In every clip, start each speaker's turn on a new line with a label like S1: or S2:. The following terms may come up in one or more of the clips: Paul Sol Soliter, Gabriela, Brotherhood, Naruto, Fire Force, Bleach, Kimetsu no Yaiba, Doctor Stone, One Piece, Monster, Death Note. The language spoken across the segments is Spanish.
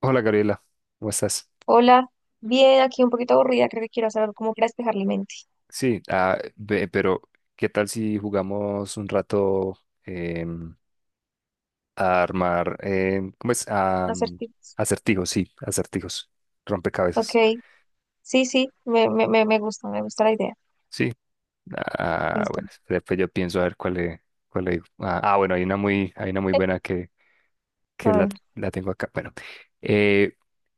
S1: Hola Gabriela, ¿cómo estás?
S2: Hola, bien, aquí un poquito aburrida, creo que quiero hacer algo como para despejar la mente.
S1: Sí, ah, pero ¿qué tal si jugamos un rato em, a armar, ¿cómo es? A,
S2: Acertijos.
S1: acertijos, sí, acertijos,
S2: Ok,
S1: rompecabezas.
S2: sí, sí, me gusta, me gusta la idea.
S1: Sí, ah,
S2: Listo.
S1: bueno, espera, pues yo pienso a ver cuál le digo. Bueno, hay una muy
S2: Eh,
S1: buena
S2: A
S1: que la,
S2: ver,
S1: la tengo acá. Bueno, eh,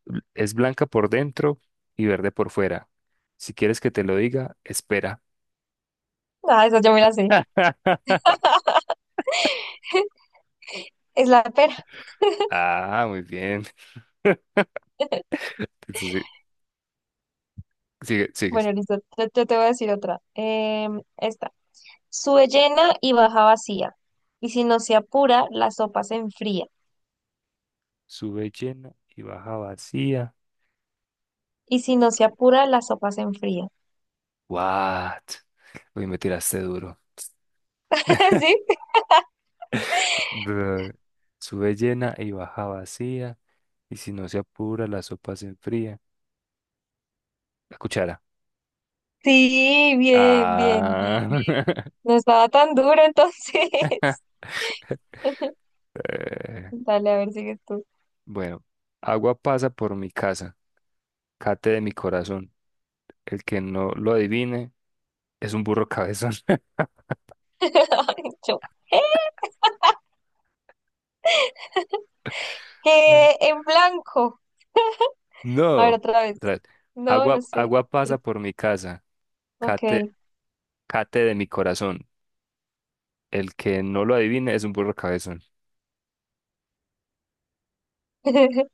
S1: es blanca por dentro y verde por fuera. Si quieres que te lo diga, espera.
S2: ah, esa yo me la sé. Es la pera.
S1: Ah, muy bien. Eso sí. Sigues.
S2: Bueno, listo, yo te voy a decir otra. Esta. Sube llena y baja vacía. Y si no se apura, la sopa se enfría.
S1: Sube llena y baja vacía.
S2: Y si no se apura, la sopa se enfría.
S1: What? Uy, me tiraste duro.
S2: ¿Sí?
S1: Bleh. Sube llena y baja vacía. Y si no se apura, la sopa se enfría. La cuchara.
S2: Sí, bien, bien, bien,
S1: Ah.
S2: bien. No estaba tan duro entonces.
S1: Eh,
S2: Dale, a ver, sigues tú.
S1: bueno, agua pasa por mi casa. Cate de mi corazón. El que no lo adivine es un burro cabezón.
S2: Ay, yo, ¿eh? En blanco. A ver,
S1: No.
S2: otra
S1: Otra
S2: vez.
S1: vez.
S2: No, no sé.
S1: Agua pasa por mi casa. Cate,
S2: Ok.
S1: cate de mi corazón. El que no lo adivine es un burro cabezón.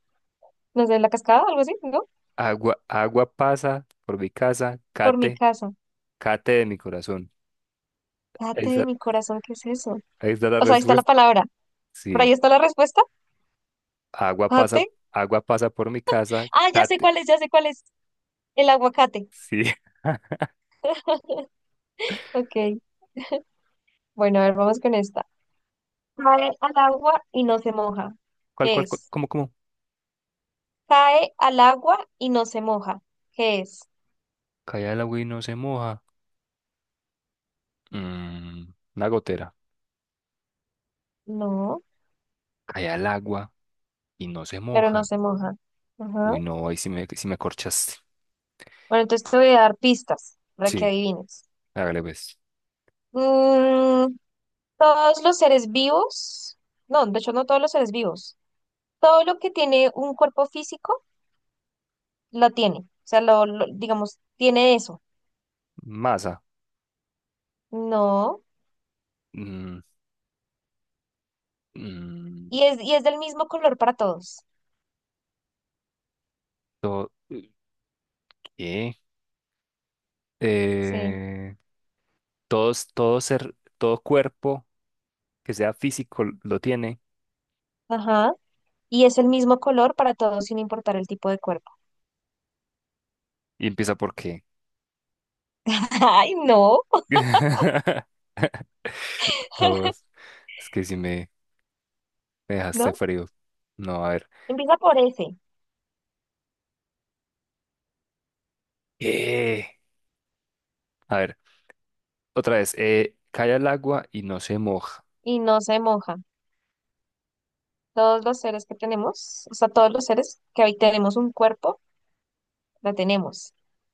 S2: No sé, la cascada o algo así, ¿no?
S1: Agua pasa por mi casa.
S2: Por mi casa.
S1: Cate de mi corazón.
S2: Date de
S1: Esa,
S2: mi corazón, ¿qué es eso?
S1: ahí está la
S2: O sea, ahí está la
S1: respuesta.
S2: palabra. Por
S1: Sí,
S2: ahí está la respuesta.
S1: agua pasa,
S2: Date.
S1: agua pasa por mi casa.
S2: Ah, ya sé
S1: Cate,
S2: cuál es, ya sé cuál es. El aguacate.
S1: sí.
S2: Ok. Bueno, a ver, vamos con esta. Cae al agua y no se moja.
S1: ¿Cuál,
S2: ¿Qué
S1: cuál, cuál?
S2: es?
S1: ¿Cómo, cómo?
S2: Cae al agua y no se moja. ¿Qué es?
S1: Cae el agua y no se moja. Mm, una gotera.
S2: No,
S1: Cae el agua y no se
S2: pero no
S1: moja.
S2: se moja. Ajá.
S1: Uy, no, sí me corchaste.
S2: Bueno, entonces te voy a dar pistas para que
S1: Sí,
S2: adivines.
S1: hágale pues.
S2: Mm, todos los seres vivos, no, de hecho no todos los seres vivos, todo lo que tiene un cuerpo físico lo tiene, o sea, digamos, tiene eso,
S1: Masa.
S2: no,
S1: Mm, mm,
S2: y es del mismo color para todos,
S1: to- ¿Qué?
S2: sí,
S1: eh, todos, todo ser, todo cuerpo que sea físico lo tiene
S2: ajá, y es el mismo color para todos sin importar el tipo de cuerpo.
S1: y empieza por qué.
S2: Ay, no,
S1: No, es que si me, me dejaste
S2: no,
S1: frío. No, a ver.
S2: empieza por ese
S1: Eh, a ver, otra vez. Cae al agua y no se moja.
S2: y no se moja. Todos los seres que tenemos, o sea, todos los seres que hoy tenemos un cuerpo, lo tenemos.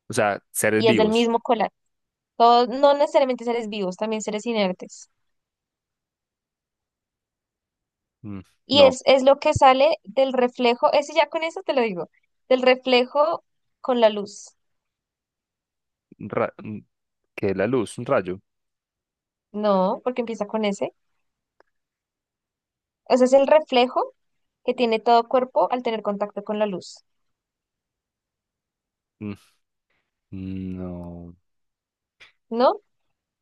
S1: O sea, seres
S2: Y es del
S1: vivos.
S2: mismo colar. Todos, no necesariamente seres vivos, también seres inertes.
S1: Mm,
S2: Y
S1: no,
S2: es, es lo que sale del reflejo, ese ya con eso te lo digo, del reflejo con la luz.
S1: ra- mm, que la luz, un rayo.
S2: No, porque empieza con ese. O sea, es el reflejo que tiene todo cuerpo al tener contacto con la luz,
S1: Mm, no,
S2: ¿no?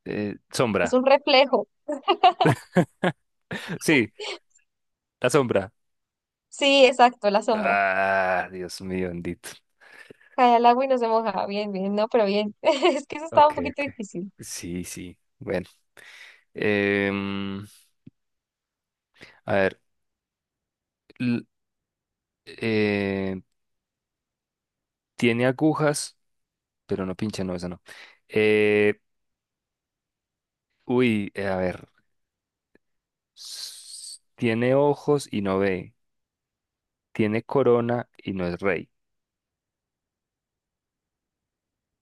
S2: Es
S1: Sombra.
S2: un reflejo.
S1: Sí, la sombra.
S2: Sí, exacto, la sombra.
S1: Ah, Dios mío, bendito.
S2: Cae al agua y no se moja. Bien, bien, no, pero bien. Es que eso estaba
S1: Ok,
S2: un poquito
S1: ok.
S2: difícil.
S1: Sí, sí. Bueno. Em, a ver. l- eh, tiene agujas, pero no pincha, no, esa no. Eh, a ver. Tiene ojos y no ve. Tiene corona y no es rey.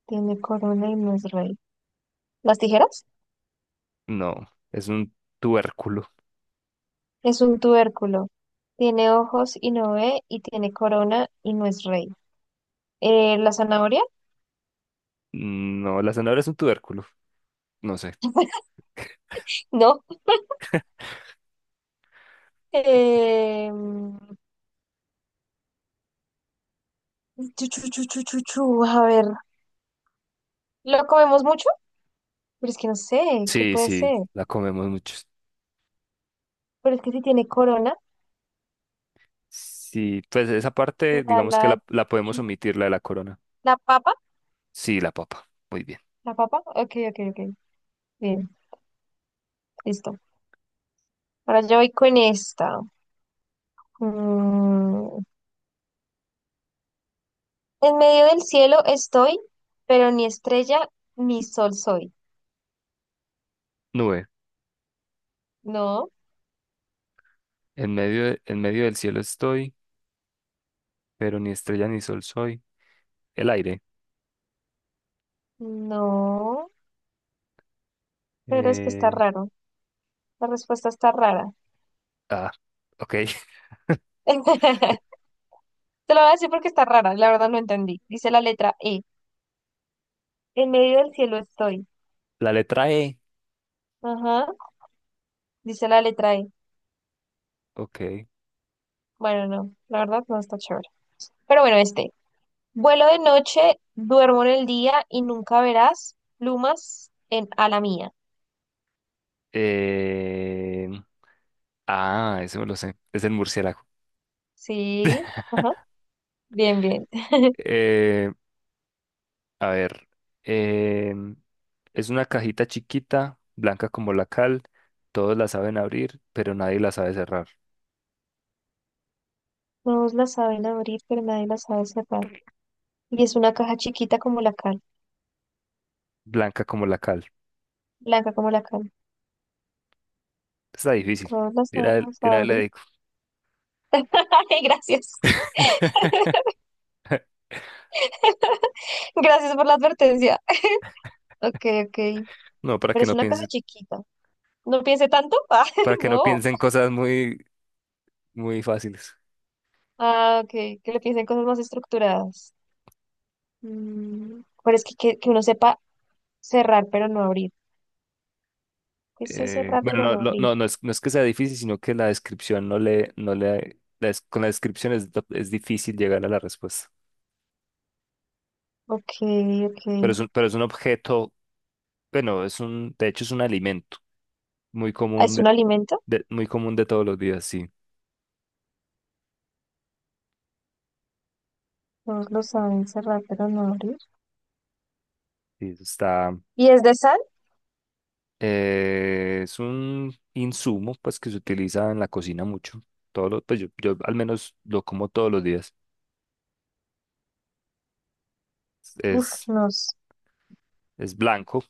S2: Tiene corona y no es rey. ¿Las tijeras?
S1: No, es un tubérculo.
S2: Es un tubérculo. Tiene ojos y no ve, y tiene corona y no es rey. ¿La zanahoria?
S1: No, la zanahoria es un tubérculo. No sé.
S2: No. Eh, chu, chu, chu, chu, chu, chu, a ver, ¿lo comemos mucho? Pero es que no sé, ¿qué
S1: Sí,
S2: puede
S1: sí,
S2: ser?
S1: la comemos muchos.
S2: Pero es que si tiene corona,
S1: Sí, pues esa parte,
S2: será
S1: digamos que la podemos
S2: chu-
S1: omitir, la de la corona.
S2: la papa.
S1: Sí, la papa. Muy bien.
S2: ¿La papa? Ok, ok, ok. Bien, listo. Ahora yo voy con esta. Mm, En medio del cielo estoy, pero ni estrella ni sol soy.
S1: Nube.
S2: No,
S1: En medio del cielo estoy, pero ni estrella ni sol soy. El aire.
S2: no. Pero es que está
S1: Eh,
S2: raro. La respuesta está rara.
S1: ah, ok.
S2: Te lo voy a decir porque está rara. La verdad no entendí. Dice la letra E. En medio del cielo estoy.
S1: La letra E.
S2: Ajá. Dice la letra E.
S1: Ok.
S2: Bueno, no. La verdad no está chévere. Pero bueno, este. Vuelo de noche, duermo en el día y nunca verás plumas en ala mía.
S1: Eh, ah, eso me lo sé. Es el murciélago.
S2: Sí. Ajá. Bien, bien.
S1: Eh, a ver. eh, es una cajita chiquita, blanca como la cal. Todos la saben abrir, pero nadie la sabe cerrar.
S2: Todos la saben abrir, pero nadie la sabe cerrar. Y es una caja chiquita como la cal,
S1: Blanca como la cal.
S2: blanca como la cal.
S1: Está difícil.
S2: Todos la
S1: Yo una, de
S2: saben
S1: una vez le
S2: abrir.
S1: digo.
S2: Ay, gracias. Gracias por la advertencia. Ok, ok.
S1: No,
S2: Pero es una caja chiquita. No piense tanto. Ah,
S1: para que no
S2: no.
S1: piensen cosas muy muy fáciles.
S2: Ah, ok. Que le piensen cosas más estructuradas. Pero es que, que uno sepa cerrar pero no abrir. Que sé cerrar
S1: Bueno,
S2: pero no abrir.
S1: no es, no es que sea difícil, sino que la descripción no le, no le, la des- con la descripción es difícil llegar a la respuesta.
S2: Ok, ok.
S1: Pero es un objeto, bueno, es un, de hecho es un alimento muy
S2: Ah,
S1: común
S2: ¿es
S1: de,
S2: un alimento?
S1: muy común de todos los días, sí.
S2: Todos lo saben cerrar pero no abrir.
S1: Sí, eso está,
S2: ¿Y es de sal?
S1: es un insumo, pues, que se utiliza en la cocina mucho. Pues yo al menos lo como todos los días.
S2: Uf,
S1: Es,
S2: no.
S1: es blanco,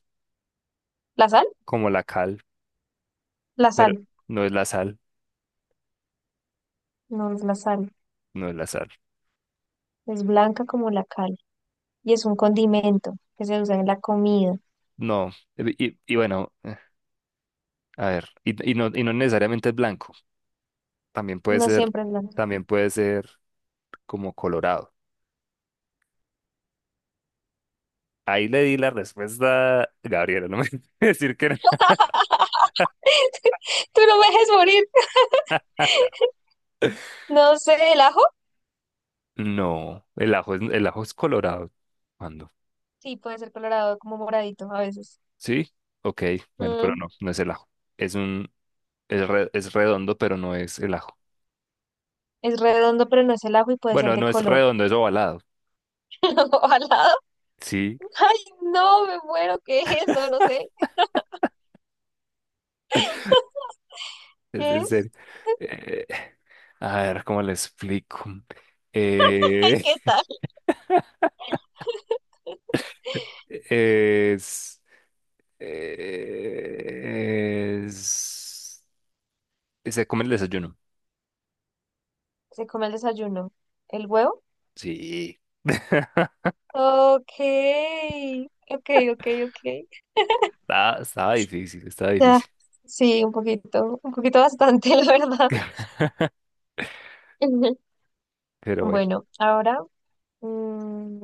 S2: ¿La sal?
S1: como la cal,
S2: La
S1: pero
S2: sal.
S1: no es la sal,
S2: No es la sal.
S1: no es la sal.
S2: Es blanca como la cal. Y es un condimento que se usa en la comida.
S1: No, y bueno, a ver, y no necesariamente es blanco, también puede
S2: No
S1: ser,
S2: siempre es blanca.
S1: también puede ser como colorado. Ahí le di la respuesta, Gabriela, no me decir que no.
S2: Tú no me dejes morir. No sé, ¿el ajo?
S1: No, el ajo es colorado. ¿Cuándo?
S2: Sí, puede ser colorado, como moradito a veces.
S1: ¿Sí? Ok, bueno, pero
S2: Mm,
S1: no, no es el ajo. Es un, es redondo, pero no es el ajo.
S2: es redondo, pero no es el ajo y puede ser
S1: Bueno,
S2: de
S1: no es
S2: color.
S1: redondo, es ovalado.
S2: ¿O alado?
S1: Sí,
S2: Ay, no, me muero. ¿Qué es? No, no sé.
S1: es
S2: ¿Qué
S1: en
S2: es?
S1: serio. Eh, a ver, ¿cómo le explico? Eh,
S2: ¿Qué tal?
S1: Es, es, es a comer el desayuno.
S2: Se come el desayuno. ¿El huevo?
S1: Sí.
S2: Ok, ok, ok, ok.
S1: Estaba, estaba difícil, estaba
S2: Ya,
S1: difícil.
S2: sí, un poquito bastante, la verdad. Ujú.
S1: Pero bueno,
S2: Bueno, ahora, mm,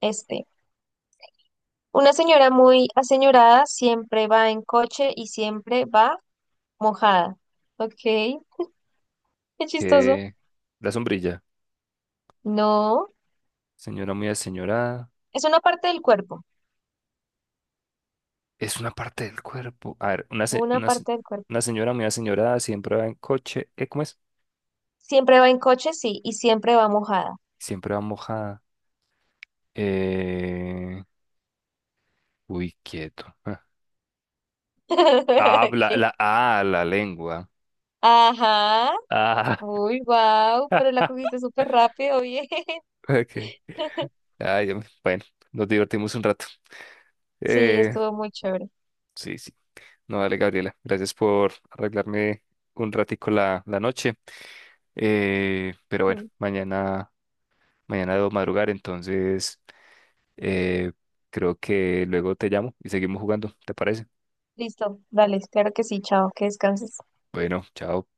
S2: este. Una señora muy aseñorada siempre va en coche y siempre va. Mojada. Ok, qué chistoso.
S1: eh, la sombrilla,
S2: No,
S1: señora muy aseñorada,
S2: es una parte del cuerpo,
S1: es una parte del cuerpo. A ver,
S2: una parte del cuerpo.
S1: una señora muy aseñorada siempre va en coche. ¿Eh, cómo es?
S2: Siempre va en coche, sí, y siempre va mojada.
S1: Siempre va mojada. Eh, quieto.
S2: ¿Qué?
S1: La lengua.
S2: Ajá.
S1: Ah,
S2: Uy, wow, pero la cogiste súper rápido, bien.
S1: ok. Ay, bueno, nos divertimos un rato.
S2: Sí,
S1: Eh,
S2: estuvo muy chévere.
S1: sí, sí. No, dale, Gabriela. Gracias por arreglarme un ratico la noche. Pero bueno,
S2: Mm,
S1: mañana debo madrugar, entonces eh, creo que luego te llamo y seguimos jugando, ¿te parece?
S2: Listo, dale, claro que sí, chao, que descanses.
S1: Bueno, chao.